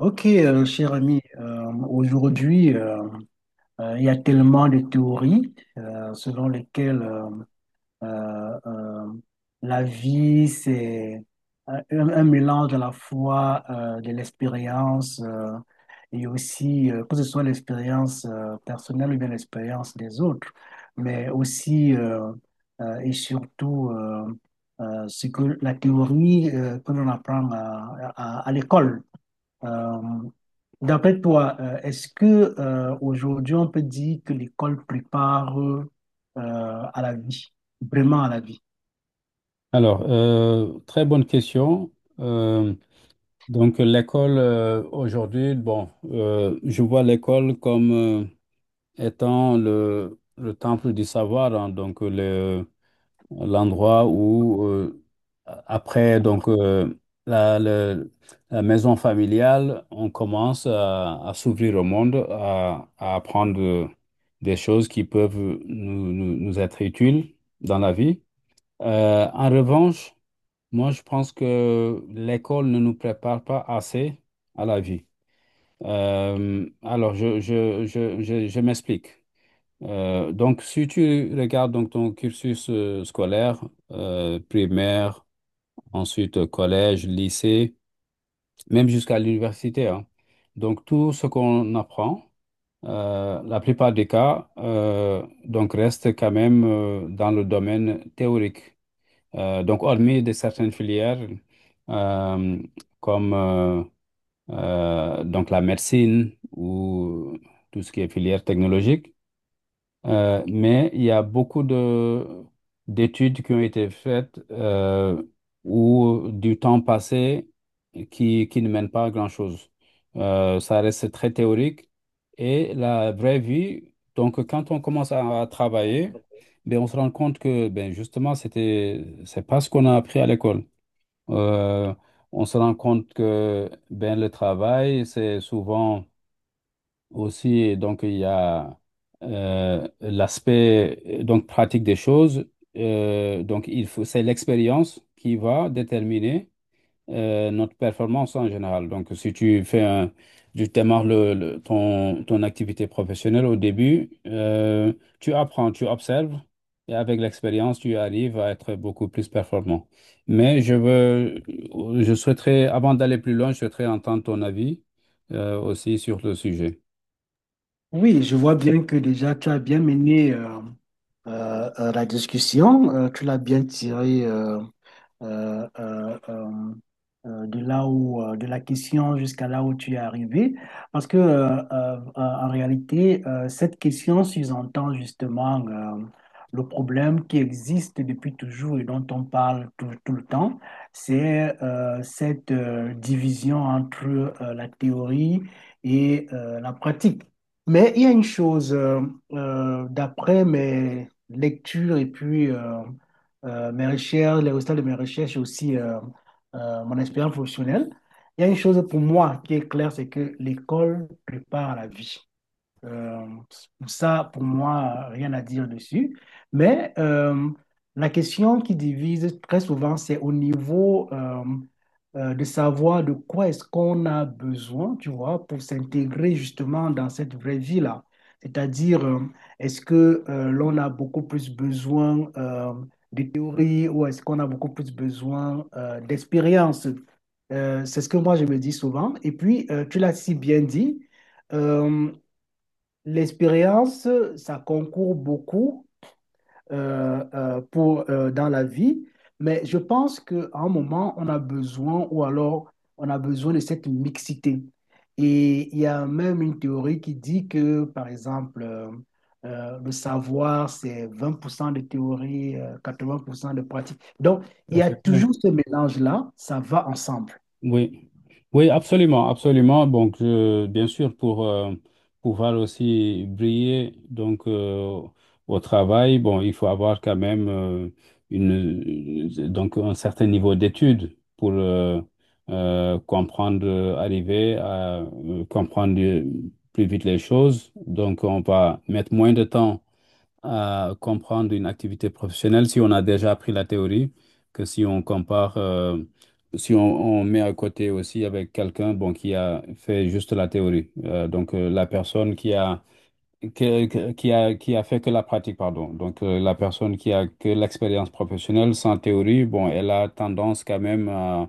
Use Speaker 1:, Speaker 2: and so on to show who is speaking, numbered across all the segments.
Speaker 1: Ok, cher ami, aujourd'hui, il y a tellement de théories selon lesquelles euh, euh, la vie, c'est un mélange à la fois de l'expérience et aussi, que ce soit l'expérience personnelle ou bien l'expérience des autres, mais aussi et surtout ce que la théorie que l'on apprend à l'école. Euh, D'après toi, est-ce que aujourd'hui on peut dire que l'école prépare à la vie, vraiment à la vie?
Speaker 2: Alors, très bonne question. Euh, l'école aujourd'hui, bon, je vois l'école comme étant le temple du savoir, hein, donc l'endroit où, après, la, le- la maison familiale, on commence à s'ouvrir au monde, à apprendre des choses qui peuvent nous être utiles dans la vie. En revanche, moi, je pense que l'école ne nous prépare pas assez à la vie. Alors, je m'explique. Donc, si tu regardes donc, ton cursus scolaire, primaire, ensuite collège, lycée, même jusqu'à l'université, hein. Donc tout ce qu'on apprend, la plupart des cas, donc reste quand même dans le domaine théorique. Donc, hormis de certaines filières euh, comme donc la médecine ou tout ce qui est filière technologique, mais il y a beaucoup de d'études qui ont été faites où du temps passé qui ne mène pas à grand-chose. Ça reste très théorique. Et la vraie vie, donc quand on commence à travailler, ben, on se rend compte que ben, justement, c'est pas ce qu'on a appris à l'école. Euh, on se rend compte que ben, le travail, c'est souvent aussi, donc, il y a l'aspect donc pratique des choses. Donc, il faut, c'est l'expérience qui va déterminer notre performance en général. Donc, si tu fais un, tu démarres ton activité professionnelle au début, tu apprends, tu observes et avec l'expérience, tu arrives à être beaucoup plus performant. Mais je veux, je souhaiterais, avant d'aller plus loin, je souhaiterais entendre ton avis aussi sur le sujet.
Speaker 1: Oui, je vois bien que déjà tu as bien mené la discussion, tu l'as bien tirée euh, euh, euh, de là où, de la question jusqu'à là où tu es arrivé. Parce que, en réalité, cette question sous-entend justement le problème qui existe depuis toujours et dont on parle tout le temps. C'est cette division entre la théorie et la pratique. Mais il y a une chose, d'après mes lectures et puis mes recherches, les résultats de mes recherches et aussi mon expérience professionnelle. Il y a une chose pour moi qui est claire, c'est que l'école prépare à la vie. Euh, Ça, pour moi, rien à dire dessus. Mais la question qui divise très souvent, c'est au niveau de savoir de quoi est-ce qu'on a besoin, tu vois, pour s'intégrer justement dans cette vraie vie-là. C'est-à-dire, est-ce que l'on a beaucoup plus besoin de théorie ou est-ce qu'on a beaucoup plus besoin d'expérience? C'est ce que moi je me dis souvent. Et puis, tu l'as si bien dit. Euh, L'expérience, ça concourt beaucoup pour, dans la vie, mais je pense qu'à un moment, on a besoin, ou alors on a besoin de cette mixité. Et il y a même une théorie qui dit que, par exemple, le savoir, c'est 20% de théorie, 80% de pratique. Donc,
Speaker 2: Tout
Speaker 1: il
Speaker 2: à
Speaker 1: y a
Speaker 2: fait. Oui,
Speaker 1: toujours ce mélange-là, ça va ensemble.
Speaker 2: oui, oui, absolument, absolument. Donc, bien sûr, pour pouvoir aussi briller donc au travail, bon, il faut avoir quand même une donc un certain niveau d'études pour comprendre, arriver à comprendre plus vite les choses. Donc, on va mettre moins de temps à comprendre une activité professionnelle si on a déjà appris la théorie, que si on compare, si on, on met à côté aussi avec quelqu'un bon, qui a fait juste la théorie. Donc, la personne qui a fait que la pratique, pardon. Donc, la personne qui a que l'expérience professionnelle sans théorie, bon, elle a tendance quand même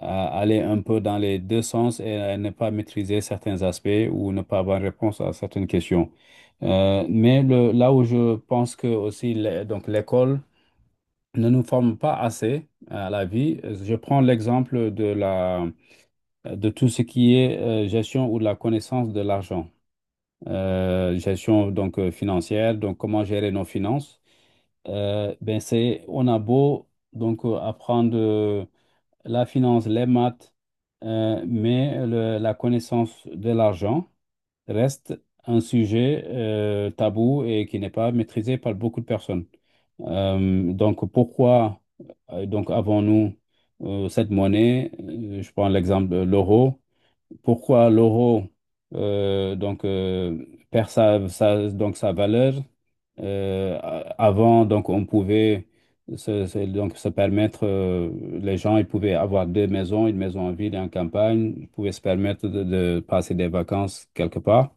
Speaker 2: à aller un peu dans les deux sens et à ne pas maîtriser certains aspects ou ne pas avoir réponse à certaines questions. Mais là où je pense que aussi donc l'école ne nous forme pas assez à la vie, je prends l'exemple de la de tout ce qui est gestion ou de la connaissance de l'argent. Gestion donc financière, donc comment gérer nos finances. Ben c'est on a beau donc apprendre la finance, les maths, mais la connaissance de l'argent reste un sujet tabou et qui n'est pas maîtrisé par beaucoup de personnes. Donc pourquoi donc avons-nous cette monnaie? Je prends l'exemple de l'euro, pourquoi l'euro euh, donc euh, perd donc sa valeur. Avant, donc on pouvait donc se permettre, les gens ils pouvaient avoir deux maisons, une maison en ville et en campagne, ils pouvaient se permettre de passer des vacances quelque part,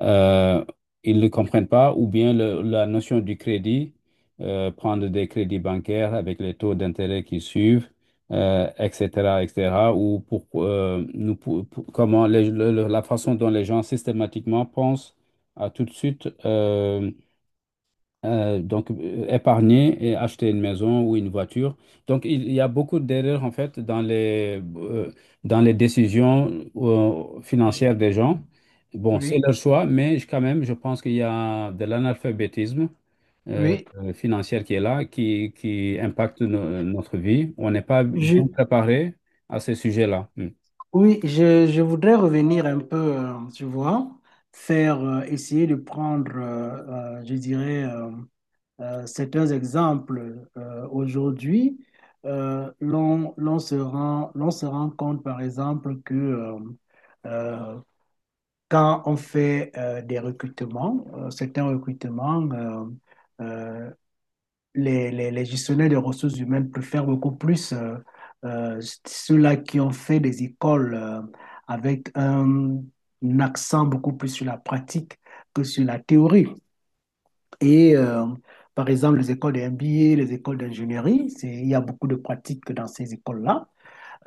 Speaker 2: euh, ils ne comprennent pas, ou bien la notion du crédit, prendre des crédits bancaires avec les taux d'intérêt qui suivent, etc., etc., ou pour, nous, comment la façon dont les gens systématiquement pensent à tout de suite. Épargner et acheter une maison ou une voiture. Donc, il y a beaucoup d'erreurs, en fait, dans les décisions financières des gens. Bon, c'est
Speaker 1: Oui,
Speaker 2: leur choix, mais quand même, je pense qu'il y a de l'analphabétisme
Speaker 1: oui.
Speaker 2: financier qui est là, qui impacte notre vie. On n'est pas
Speaker 1: Je,
Speaker 2: bien préparé à ces sujets-là. Hmm.
Speaker 1: Oui, je voudrais revenir un peu, tu vois, faire, essayer de prendre, je dirais, certains exemples. Aujourd'hui, l'on se rend compte, par exemple, que euh, quand on fait des recrutements, certains recrutements, euh, les gestionnaires des ressources humaines préfèrent beaucoup plus euh, ceux-là qui ont fait des écoles avec un accent beaucoup plus sur la pratique que sur la théorie. Et par exemple, les écoles de MBA, les écoles d'ingénierie, c'est, il y a beaucoup de pratiques dans ces écoles-là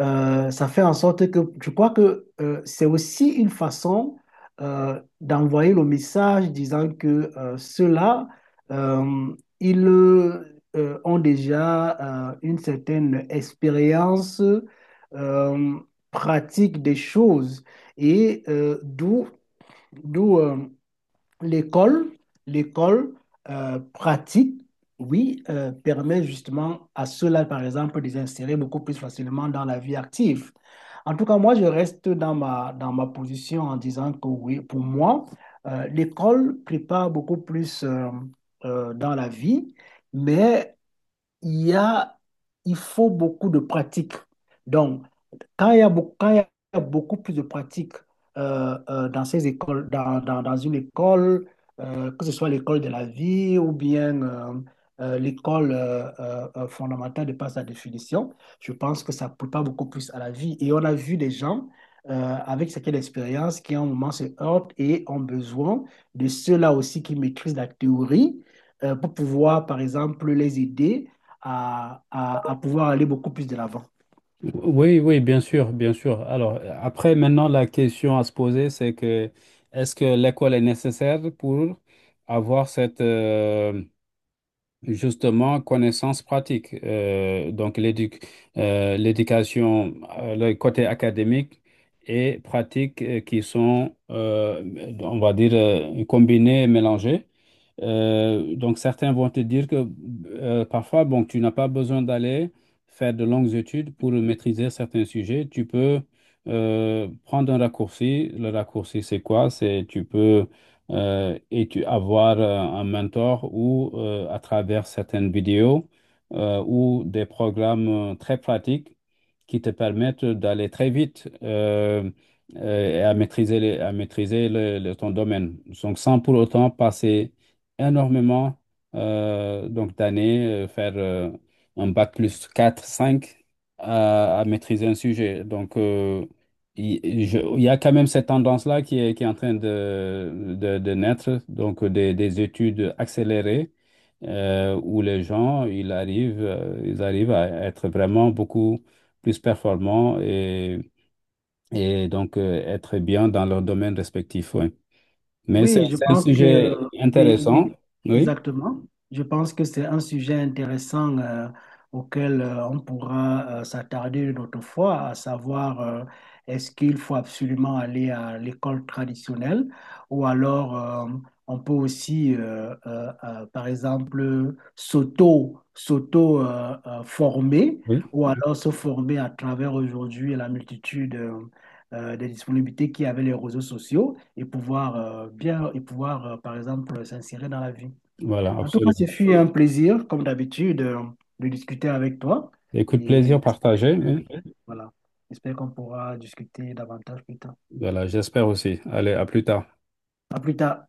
Speaker 1: ça fait en sorte que je crois que c'est aussi une façon d'envoyer le message disant que ceux-là, euh, ils ont déjà une certaine expérience euh, pratique des choses et d'où d'où l'école, l'école pratique, oui, permet justement à ceux-là, par exemple, de s'insérer beaucoup plus facilement dans la vie active. En tout cas, moi, je reste dans dans ma position en disant que oui, pour moi, l'école prépare beaucoup plus dans la vie, mais il y a, il faut beaucoup de pratique. Donc, quand il y a beaucoup plus de pratiques dans ces écoles, dans une école, que ce soit l'école de la vie ou bien l'école fondamentale de par sa définition, je pense que ça prépare beaucoup plus à la vie. Et on a vu des gens avec certaines expériences qui, à un moment, se heurtent et ont besoin de ceux-là aussi qui maîtrisent la théorie pour pouvoir, par exemple, les aider à pouvoir aller beaucoup plus de l'avant.
Speaker 2: Oui, oui, bien sûr, bien sûr. Alors, après, maintenant, la question à se poser, c'est que est-ce que l'école est nécessaire pour avoir cette, justement, connaissance pratique. Donc, l'éducation, le côté académique et pratique qui sont, on va dire, combinés et mélangés. Donc, certains vont te dire que parfois, bon, tu n'as pas besoin d'aller faire de longues études pour maîtriser certains sujets. Tu peux prendre un raccourci. Le raccourci, c'est quoi? C'est tu peux avoir un mentor ou à travers certaines vidéos ou des programmes très pratiques qui te permettent d'aller très vite et à maîtriser, ton domaine. Donc, sans pour autant passer énormément d'années, faire un bac plus 4 5 à maîtriser un sujet. Donc, il il y a quand même cette tendance-là qui est en train de naître, donc des études accélérées où les gens, ils arrivent à être vraiment beaucoup plus performants et donc être bien dans leur domaine respectif. Ouais. Mais
Speaker 1: Oui, je
Speaker 2: c'est un
Speaker 1: pense que,
Speaker 2: sujet
Speaker 1: oui,
Speaker 2: intéressant.
Speaker 1: oui,
Speaker 2: Oui,
Speaker 1: exactement. Je pense que c'est un sujet intéressant auquel on pourra s'attarder une autre fois, à savoir est-ce qu'il faut absolument aller à l'école traditionnelle ou alors on peut aussi, par exemple, s'auto former
Speaker 2: oui,
Speaker 1: ou alors se former à travers aujourd'hui la multitude des disponibilités qui avaient les réseaux sociaux et pouvoir par exemple s'insérer dans la vie.
Speaker 2: voilà,
Speaker 1: En tout cas,
Speaker 2: absolument.
Speaker 1: ce fut un plaisir, comme d'habitude, de discuter avec toi.
Speaker 2: Écoute,
Speaker 1: Et
Speaker 2: plaisir partagé. Oui.
Speaker 1: voilà, j'espère qu'on pourra discuter davantage plus tard.
Speaker 2: Voilà, j'espère aussi. Allez, à plus tard.
Speaker 1: À plus tard.